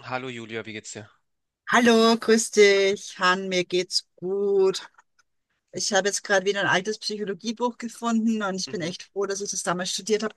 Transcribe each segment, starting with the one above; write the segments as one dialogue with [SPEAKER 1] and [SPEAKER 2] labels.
[SPEAKER 1] Hallo Julia, wie geht's dir?
[SPEAKER 2] Hallo, grüß dich, Han, mir geht's gut. Ich habe jetzt gerade wieder ein altes Psychologiebuch gefunden und ich bin
[SPEAKER 1] Mhm.
[SPEAKER 2] echt froh, dass ich das damals studiert habe.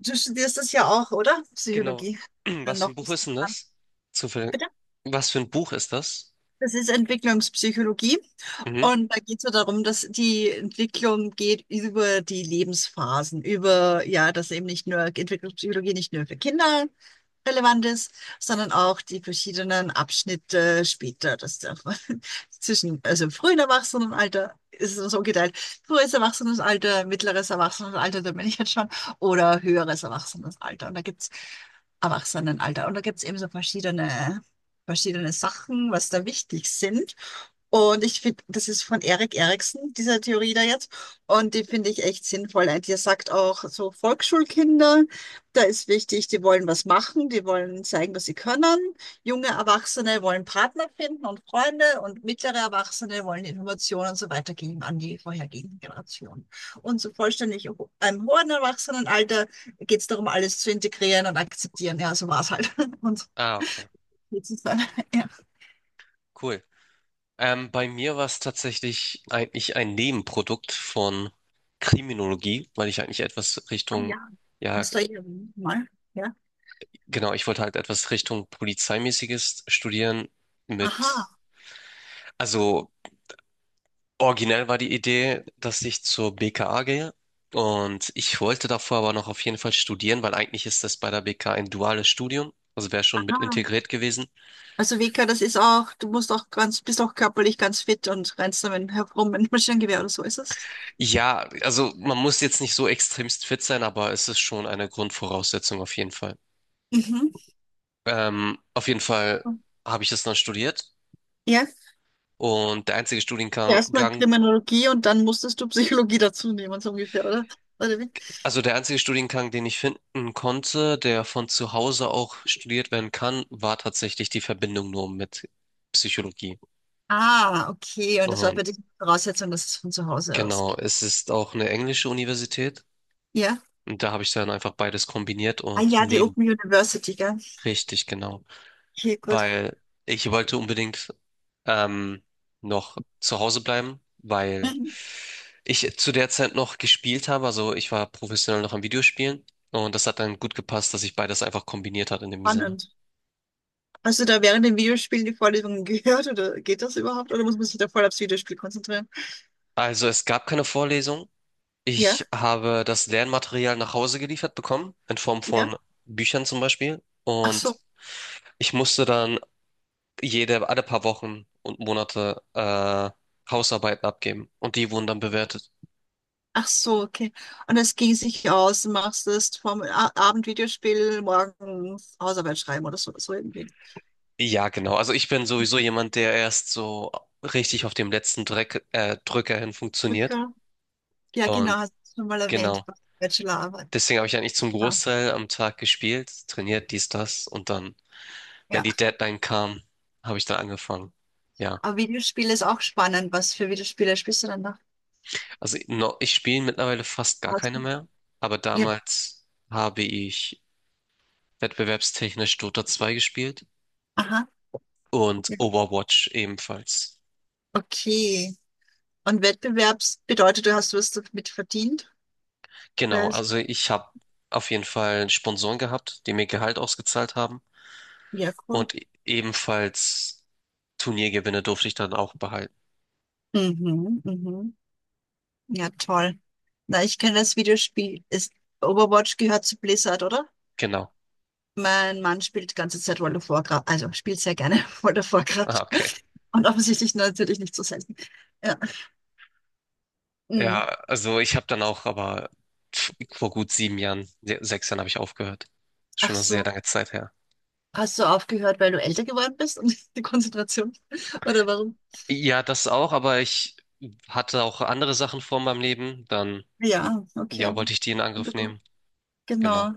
[SPEAKER 2] Du studierst das ja auch, oder?
[SPEAKER 1] Genau.
[SPEAKER 2] Psychologie. Dann
[SPEAKER 1] Was für
[SPEAKER 2] noch
[SPEAKER 1] ein
[SPEAKER 2] ein
[SPEAKER 1] Buch ist
[SPEAKER 2] bisschen
[SPEAKER 1] denn
[SPEAKER 2] dran.
[SPEAKER 1] das? Zufällig.
[SPEAKER 2] Bitte?
[SPEAKER 1] Was für ein Buch ist das?
[SPEAKER 2] Das ist Entwicklungspsychologie
[SPEAKER 1] Mhm.
[SPEAKER 2] und da geht es so darum, dass die Entwicklung geht über die Lebensphasen, über, ja, dass eben nicht nur Entwicklungspsychologie nicht nur für Kinder relevant ist, sondern auch die verschiedenen Abschnitte später, dass der zwischen, also frühen Erwachsenenalter ist es so geteilt, frühes Erwachsenenalter, mittleres Erwachsenenalter, da bin ich jetzt schon, oder höheres Erwachsenenalter. Und da gibt's Erwachsenenalter. Und da gibt's eben so verschiedene Sachen, was da wichtig sind. Und ich finde, das ist von Erik Erikson, diese Theorie da jetzt. Und die finde ich echt sinnvoll. Und die sagt auch so: Volksschulkinder, da ist wichtig, die wollen was machen, die wollen zeigen, was sie können. Junge Erwachsene wollen Partner finden und Freunde, und mittlere Erwachsene wollen Informationen und so weiter geben an die vorhergehenden Generationen. Und so vollständig im hohen Erwachsenenalter geht es darum, alles zu integrieren und akzeptieren. Ja, so war es halt. Und
[SPEAKER 1] Ah, okay.
[SPEAKER 2] jetzt ist es dann, ja.
[SPEAKER 1] Cool. Bei mir war es tatsächlich eigentlich ein Nebenprodukt von Kriminologie, weil ich eigentlich etwas
[SPEAKER 2] Ah
[SPEAKER 1] Richtung,
[SPEAKER 2] ja,
[SPEAKER 1] ja,
[SPEAKER 2] hast du irgendwie mal, ja.
[SPEAKER 1] genau, ich wollte halt etwas Richtung Polizeimäßiges studieren
[SPEAKER 2] Aha,
[SPEAKER 1] mit, also originell war die Idee, dass ich zur BKA gehe, und ich wollte davor aber noch auf jeden Fall studieren, weil eigentlich ist das bei der BKA ein duales Studium, also wäre schon mit
[SPEAKER 2] aha.
[SPEAKER 1] integriert gewesen.
[SPEAKER 2] Also Vika, das ist auch, du musst auch ganz, bist auch körperlich ganz fit und rennst damit herum mit einem Maschinengewehr oder so ist es.
[SPEAKER 1] Ja, also man muss jetzt nicht so extremst fit sein, aber es ist schon eine Grundvoraussetzung auf jeden Fall.
[SPEAKER 2] Mhm.
[SPEAKER 1] Auf jeden Fall habe ich das dann studiert,
[SPEAKER 2] Ja,
[SPEAKER 1] und
[SPEAKER 2] erstmal Kriminologie und dann musstest du Psychologie dazu nehmen, so ungefähr, oder? Oder wie?
[SPEAKER 1] Der einzige Studiengang, den ich finden konnte, der von zu Hause auch studiert werden kann, war tatsächlich die Verbindung nur mit Psychologie.
[SPEAKER 2] Ah, okay. Und das war
[SPEAKER 1] Und
[SPEAKER 2] für dich eine Voraussetzung, dass es von zu Hause
[SPEAKER 1] genau,
[SPEAKER 2] ausgeht.
[SPEAKER 1] es ist auch eine englische Universität.
[SPEAKER 2] Ja.
[SPEAKER 1] Und da habe ich dann einfach beides kombiniert
[SPEAKER 2] Ah
[SPEAKER 1] und
[SPEAKER 2] ja, die
[SPEAKER 1] neben.
[SPEAKER 2] Open University, gell?
[SPEAKER 1] Richtig, genau.
[SPEAKER 2] Okay, gut.
[SPEAKER 1] Weil ich wollte unbedingt ähm, noch zu Hause bleiben, weil
[SPEAKER 2] Mhm.
[SPEAKER 1] ich zu der Zeit noch gespielt habe. Also ich war professionell noch am Videospielen. Und das hat dann gut gepasst, dass ich beides einfach kombiniert hat in dem Sinne.
[SPEAKER 2] Spannend. Hast du da während dem Videospiel die Vorlesungen gehört, oder geht das überhaupt? Oder muss man sich da voll aufs Videospiel konzentrieren?
[SPEAKER 1] Also es gab keine Vorlesung.
[SPEAKER 2] Ja,
[SPEAKER 1] Ich habe das Lernmaterial nach Hause geliefert bekommen, in Form
[SPEAKER 2] ja.
[SPEAKER 1] von Büchern zum Beispiel.
[SPEAKER 2] Ach
[SPEAKER 1] Und
[SPEAKER 2] so.
[SPEAKER 1] ich musste dann jede, alle paar Wochen und Monate Hausarbeiten abgeben. Und die wurden dann bewertet.
[SPEAKER 2] Ach so, okay. Und es ging sich aus, machst es vom A Abend Videospiel, morgens Hausarbeit schreiben oder so, so irgendwie.
[SPEAKER 1] Ja, genau. Also ich bin sowieso jemand, der erst so richtig auf dem letzten Drücker hin funktioniert.
[SPEAKER 2] Okay. Ja, genau,
[SPEAKER 1] Und
[SPEAKER 2] hast du schon mal erwähnt,
[SPEAKER 1] genau.
[SPEAKER 2] bei der Bachelorarbeit.
[SPEAKER 1] Deswegen habe ich eigentlich zum
[SPEAKER 2] Ah,
[SPEAKER 1] Großteil am Tag gespielt, trainiert, dies, das. Und dann, wenn
[SPEAKER 2] ja,
[SPEAKER 1] die Deadline kam, habe ich dann angefangen. Ja.
[SPEAKER 2] aber Videospiel ist auch spannend. Was für Videospiele spielst du dann nach?
[SPEAKER 1] Also no, ich spiele mittlerweile fast gar
[SPEAKER 2] Hast
[SPEAKER 1] keine
[SPEAKER 2] du-
[SPEAKER 1] mehr, aber
[SPEAKER 2] ja,
[SPEAKER 1] damals habe ich wettbewerbstechnisch Dota 2 gespielt
[SPEAKER 2] aha.
[SPEAKER 1] und
[SPEAKER 2] Ja.
[SPEAKER 1] Overwatch ebenfalls.
[SPEAKER 2] Okay. Und Wettbewerbs bedeutet, du hast was damit verdient?
[SPEAKER 1] Genau,
[SPEAKER 2] Was?
[SPEAKER 1] also ich habe auf jeden Fall Sponsoren gehabt, die mir Gehalt ausgezahlt haben
[SPEAKER 2] Ja, cool.
[SPEAKER 1] und ebenfalls Turniergewinne durfte ich dann auch behalten.
[SPEAKER 2] Mhm, mhm. Ja, toll. Na, ich kenne das Videospiel. Ist Overwatch gehört zu Blizzard, oder?
[SPEAKER 1] Genau.
[SPEAKER 2] Mein Mann spielt die ganze Zeit World of Warcraft, also spielt sehr gerne World of
[SPEAKER 1] Ah,
[SPEAKER 2] Warcraft.
[SPEAKER 1] okay.
[SPEAKER 2] Und offensichtlich natürlich nicht so selten. Ja.
[SPEAKER 1] Ja,
[SPEAKER 2] Mm.
[SPEAKER 1] also ich habe dann auch, aber vor gut 7 Jahren, 6 Jahren habe ich aufgehört.
[SPEAKER 2] Ach
[SPEAKER 1] Schon eine sehr
[SPEAKER 2] so,
[SPEAKER 1] lange Zeit her.
[SPEAKER 2] hast du aufgehört, weil du älter geworden bist und die Konzentration? Oder warum?
[SPEAKER 1] Ja, das auch, aber ich hatte auch andere Sachen vor meinem Leben. Dann,
[SPEAKER 2] Ja, okay.
[SPEAKER 1] ja, wollte ich die in
[SPEAKER 2] Guter
[SPEAKER 1] Angriff
[SPEAKER 2] Grund.
[SPEAKER 1] nehmen. Genau.
[SPEAKER 2] Genau.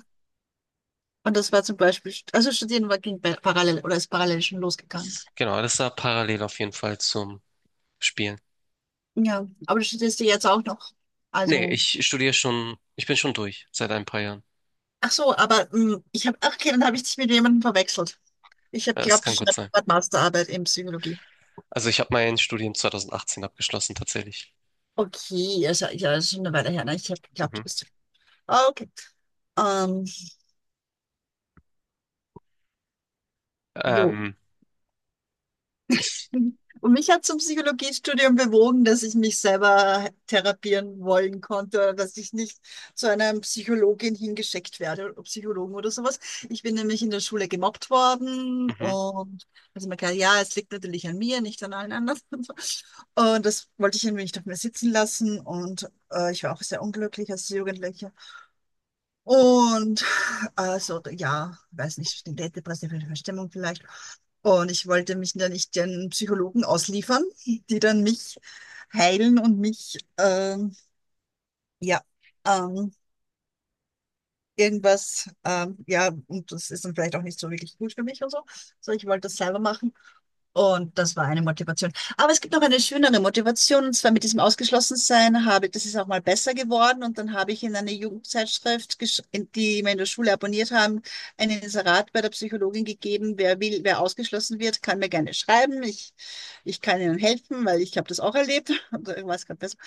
[SPEAKER 2] Und das war zum Beispiel, also studieren war, ging bei- parallel oder ist parallel schon losgegangen.
[SPEAKER 1] Genau, das war parallel auf jeden Fall zum Spielen.
[SPEAKER 2] Ja, aber du studierst ja jetzt auch noch.
[SPEAKER 1] Nee,
[SPEAKER 2] Also,
[SPEAKER 1] ich studiere schon, ich bin schon durch seit ein paar Jahren.
[SPEAKER 2] ach so, aber mm, ich habe, ach okay, dann habe ich dich mit jemandem verwechselt. Ich habe
[SPEAKER 1] Ja, es
[SPEAKER 2] geglaubt, du
[SPEAKER 1] kann gut
[SPEAKER 2] schreibst
[SPEAKER 1] sein.
[SPEAKER 2] gerade Masterarbeit in Psychologie.
[SPEAKER 1] Also ich habe mein Studium 2018 abgeschlossen, tatsächlich.
[SPEAKER 2] Okay, ja, ist ja, ja, ist schon eine Weile her. Ne? Ich habe geglaubt, du
[SPEAKER 1] Mhm.
[SPEAKER 2] bist. Ah, okay. Ähm, jo.
[SPEAKER 1] Ähm, ich,
[SPEAKER 2] Und mich hat zum Psychologiestudium bewogen, dass ich mich selber therapieren wollen konnte, dass ich nicht zu einer Psychologin hingeschickt werde, oder Psychologen oder sowas. Ich bin nämlich in der Schule gemobbt worden,
[SPEAKER 1] mhm.
[SPEAKER 2] und also man kann, ja, es liegt natürlich an mir, nicht an allen anderen. Und, so. Und das wollte ich irgendwie nicht auf mir sitzen lassen, und ich war auch sehr unglücklich als Jugendliche. Und also ja, weiß nicht, eine depressive Verstimmung vielleicht. Und ich wollte mich dann nicht den Psychologen ausliefern, die dann mich heilen und mich ja ähm, irgendwas ja, und das ist dann vielleicht auch nicht so wirklich gut für mich und so. So, ich wollte das selber machen. Und das war eine Motivation. Aber es gibt noch eine schönere Motivation, und zwar mit diesem Ausgeschlossensein habe, das ist auch mal besser geworden. Und dann habe ich in einer Jugendzeitschrift, gesch- in die wir in der Schule abonniert haben, ein Inserat bei der Psychologin gegeben. Wer will, wer ausgeschlossen wird, kann mir gerne schreiben. Ich kann Ihnen helfen, weil ich habe das auch erlebt. Und ich weiß gerade besser.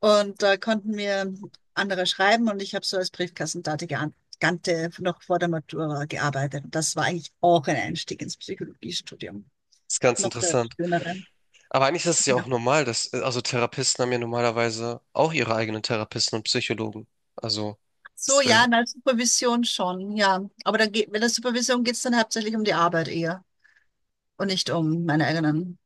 [SPEAKER 2] Und da konnten mir andere schreiben und ich habe so als Briefkassendate geantwortet. Noch vor der Matura gearbeitet. Und das war eigentlich auch ein Einstieg ins Psychologiestudium,
[SPEAKER 1] Ist ganz
[SPEAKER 2] noch der
[SPEAKER 1] interessant.
[SPEAKER 2] schönere.
[SPEAKER 1] Aber eigentlich ist es ja auch
[SPEAKER 2] Ja.
[SPEAKER 1] normal, dass, also Therapisten haben ja normalerweise auch ihre eigenen Therapisten und Psychologen. Also,
[SPEAKER 2] So,
[SPEAKER 1] es
[SPEAKER 2] ja,
[SPEAKER 1] wär-.
[SPEAKER 2] in der Supervision schon, ja. Aber dann geht, mit der Supervision geht es dann hauptsächlich um die Arbeit eher, und nicht um meine eigenen,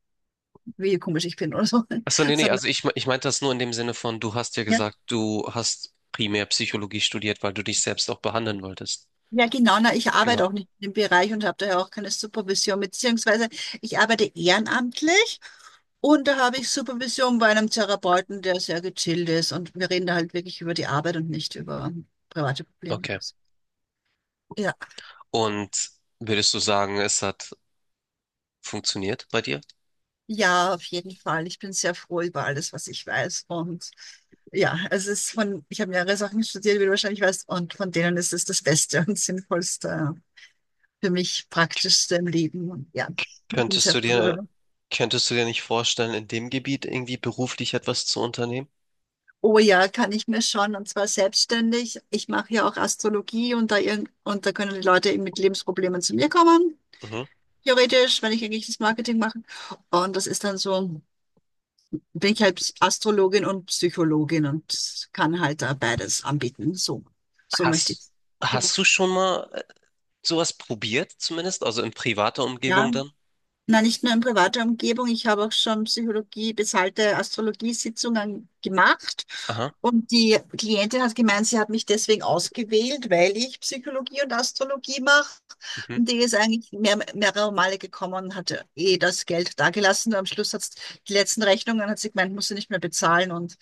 [SPEAKER 2] wie komisch ich bin oder so.
[SPEAKER 1] Achso, nee, nee,
[SPEAKER 2] Sondern,
[SPEAKER 1] also ich, ich meinte das nur in dem Sinne von, du hast ja
[SPEAKER 2] ja.
[SPEAKER 1] gesagt, du hast primär Psychologie studiert, weil du dich selbst auch behandeln wolltest.
[SPEAKER 2] Ja, genau, na, ich
[SPEAKER 1] Genau.
[SPEAKER 2] arbeite auch nicht in dem Bereich und habe daher auch keine Supervision, beziehungsweise ich arbeite ehrenamtlich und da habe ich Supervision bei einem Therapeuten, der sehr gechillt ist und wir reden da halt wirklich über die Arbeit und nicht über private Probleme.
[SPEAKER 1] Okay.
[SPEAKER 2] Ja.
[SPEAKER 1] Und würdest du sagen, es hat funktioniert bei dir?
[SPEAKER 2] Ja, auf jeden Fall. Ich bin sehr froh über alles, was ich weiß. Und ja, es ist von, ich habe mehrere Sachen studiert, wie du wahrscheinlich weißt, und von denen ist es das Beste und Sinnvollste, für mich Praktischste im Leben. Und ja, ich bin
[SPEAKER 1] Könntest
[SPEAKER 2] sehr
[SPEAKER 1] du
[SPEAKER 2] froh
[SPEAKER 1] dir,
[SPEAKER 2] darüber.
[SPEAKER 1] könntest du dir nicht vorstellen, in dem Gebiet irgendwie beruflich etwas zu unternehmen?
[SPEAKER 2] Oh ja, kann ich mir schon, und zwar selbstständig. Ich mache ja auch Astrologie und da, irgend- und da können die Leute eben mit Lebensproblemen zu mir kommen,
[SPEAKER 1] Mhm.
[SPEAKER 2] theoretisch, wenn ich eigentlich das Marketing mache. Und das ist dann so. Bin ich halt Astrologin und Psychologin und kann halt da beides anbieten. So, so möchte ich
[SPEAKER 1] Hast, hast du
[SPEAKER 2] beruflich.
[SPEAKER 1] schon mal sowas probiert, zumindest? Also in privater
[SPEAKER 2] Ja,
[SPEAKER 1] Umgebung dann?
[SPEAKER 2] na, nicht nur in privater Umgebung. Ich habe auch schon Psychologie, bezahlte Astrologiesitzungen gemacht.
[SPEAKER 1] Aha.
[SPEAKER 2] Und die Klientin hat gemeint, sie hat mich deswegen ausgewählt, weil ich Psychologie und Astrologie mache.
[SPEAKER 1] Mhm.
[SPEAKER 2] Und die ist eigentlich mehr, mehrere Male gekommen und hat eh das Geld dagelassen. Und am Schluss hat die letzten Rechnungen, hat sie gemeint, muss sie nicht mehr bezahlen. Und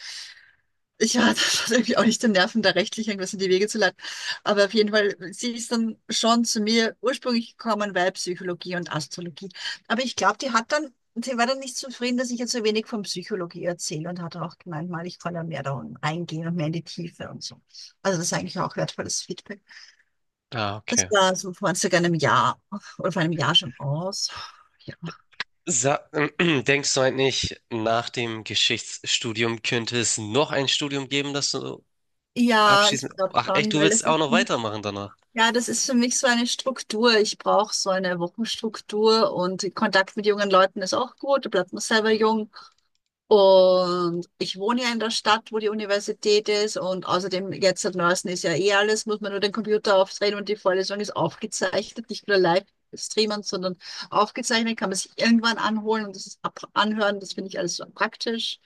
[SPEAKER 2] ja, das hat irgendwie auch nicht den Nerven, da rechtlich irgendwas in die Wege zu leiten. Aber auf jeden Fall, sie ist dann schon zu mir ursprünglich gekommen, weil Psychologie und Astrologie. Aber ich glaube, die hat dann, sie war dann nicht zufrieden, dass ich jetzt so wenig von Psychologie erzähle, und hat auch gemeint, mal, ich kann ja mehr da reingehen und mehr in die Tiefe und so. Also das ist eigentlich auch wertvolles Feedback.
[SPEAKER 1] Ah,
[SPEAKER 2] Das
[SPEAKER 1] okay.
[SPEAKER 2] war so vor circa einem Jahr oder vor einem Jahr schon aus. Ja,
[SPEAKER 1] Sa Denkst du eigentlich, nach dem Geschichtsstudium könnte es noch ein Studium geben, das du
[SPEAKER 2] ja ich
[SPEAKER 1] abschließen?
[SPEAKER 2] glaube
[SPEAKER 1] Ach echt,
[SPEAKER 2] schon,
[SPEAKER 1] du
[SPEAKER 2] weil
[SPEAKER 1] willst
[SPEAKER 2] das
[SPEAKER 1] auch
[SPEAKER 2] ist
[SPEAKER 1] noch weitermachen danach?
[SPEAKER 2] Ja, das ist für mich so eine Struktur. Ich brauche so eine Wochenstruktur und Kontakt mit jungen Leuten ist auch gut. Da bleibt man selber
[SPEAKER 1] Mhm.
[SPEAKER 2] jung. Und ich wohne ja in der Stadt, wo die Universität ist. Und außerdem, jetzt seit neuestem ist ja eh alles, muss man nur den Computer aufdrehen und die Vorlesung ist aufgezeichnet. Nicht nur live streamen, sondern aufgezeichnet, kann man sich irgendwann anholen und das ist ab anhören. Das finde ich alles so praktisch.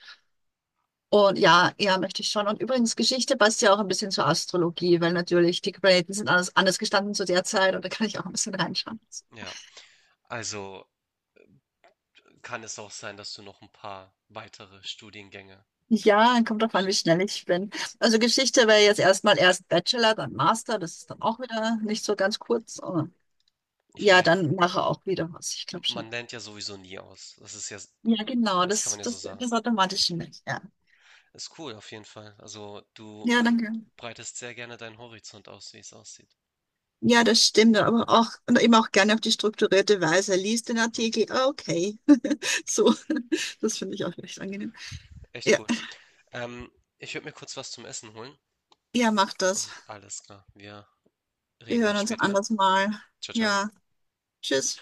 [SPEAKER 2] Und ja, ja, möchte ich schon. Und übrigens, Geschichte passt ja auch ein bisschen zur Astrologie, weil natürlich die Planeten sind anders, anders gestanden zu der Zeit und da kann ich auch ein bisschen reinschauen.
[SPEAKER 1] Ja, also kann es auch sein, dass du noch ein paar weitere Studiengänge
[SPEAKER 2] Ja, kommt drauf an, wie
[SPEAKER 1] abschließt.
[SPEAKER 2] schnell ich bin. Also Geschichte wäre jetzt erstmal erst Bachelor, dann Master, das ist dann auch wieder nicht so ganz kurz. Aber
[SPEAKER 1] Ich
[SPEAKER 2] ja,
[SPEAKER 1] meine,
[SPEAKER 2] dann nachher auch wieder was, ich glaube schon.
[SPEAKER 1] man lernt ja sowieso nie aus. Das ist ja,
[SPEAKER 2] Ja, genau,
[SPEAKER 1] das kann man
[SPEAKER 2] das,
[SPEAKER 1] ja so
[SPEAKER 2] das,
[SPEAKER 1] sagen.
[SPEAKER 2] das Automatische nicht, ja.
[SPEAKER 1] Ist cool auf jeden Fall. Also du
[SPEAKER 2] Ja, danke.
[SPEAKER 1] breitest sehr gerne deinen Horizont aus, wie es aussieht.
[SPEAKER 2] Ja, das stimmt, aber auch, und eben auch gerne auf die strukturierte Weise. Lies den
[SPEAKER 1] Mhm.
[SPEAKER 2] Artikel, ah, okay. So, das finde ich auch echt angenehm.
[SPEAKER 1] Echt
[SPEAKER 2] Ja,
[SPEAKER 1] cool. Ähm, Ich würde mir kurz was zum Essen holen
[SPEAKER 2] ja, macht das.
[SPEAKER 1] und alles klar. Wir
[SPEAKER 2] Wir
[SPEAKER 1] reden dann
[SPEAKER 2] hören uns ein
[SPEAKER 1] später, ja.
[SPEAKER 2] anderes Mal.
[SPEAKER 1] Ciao, ciao.
[SPEAKER 2] Ja, tschüss.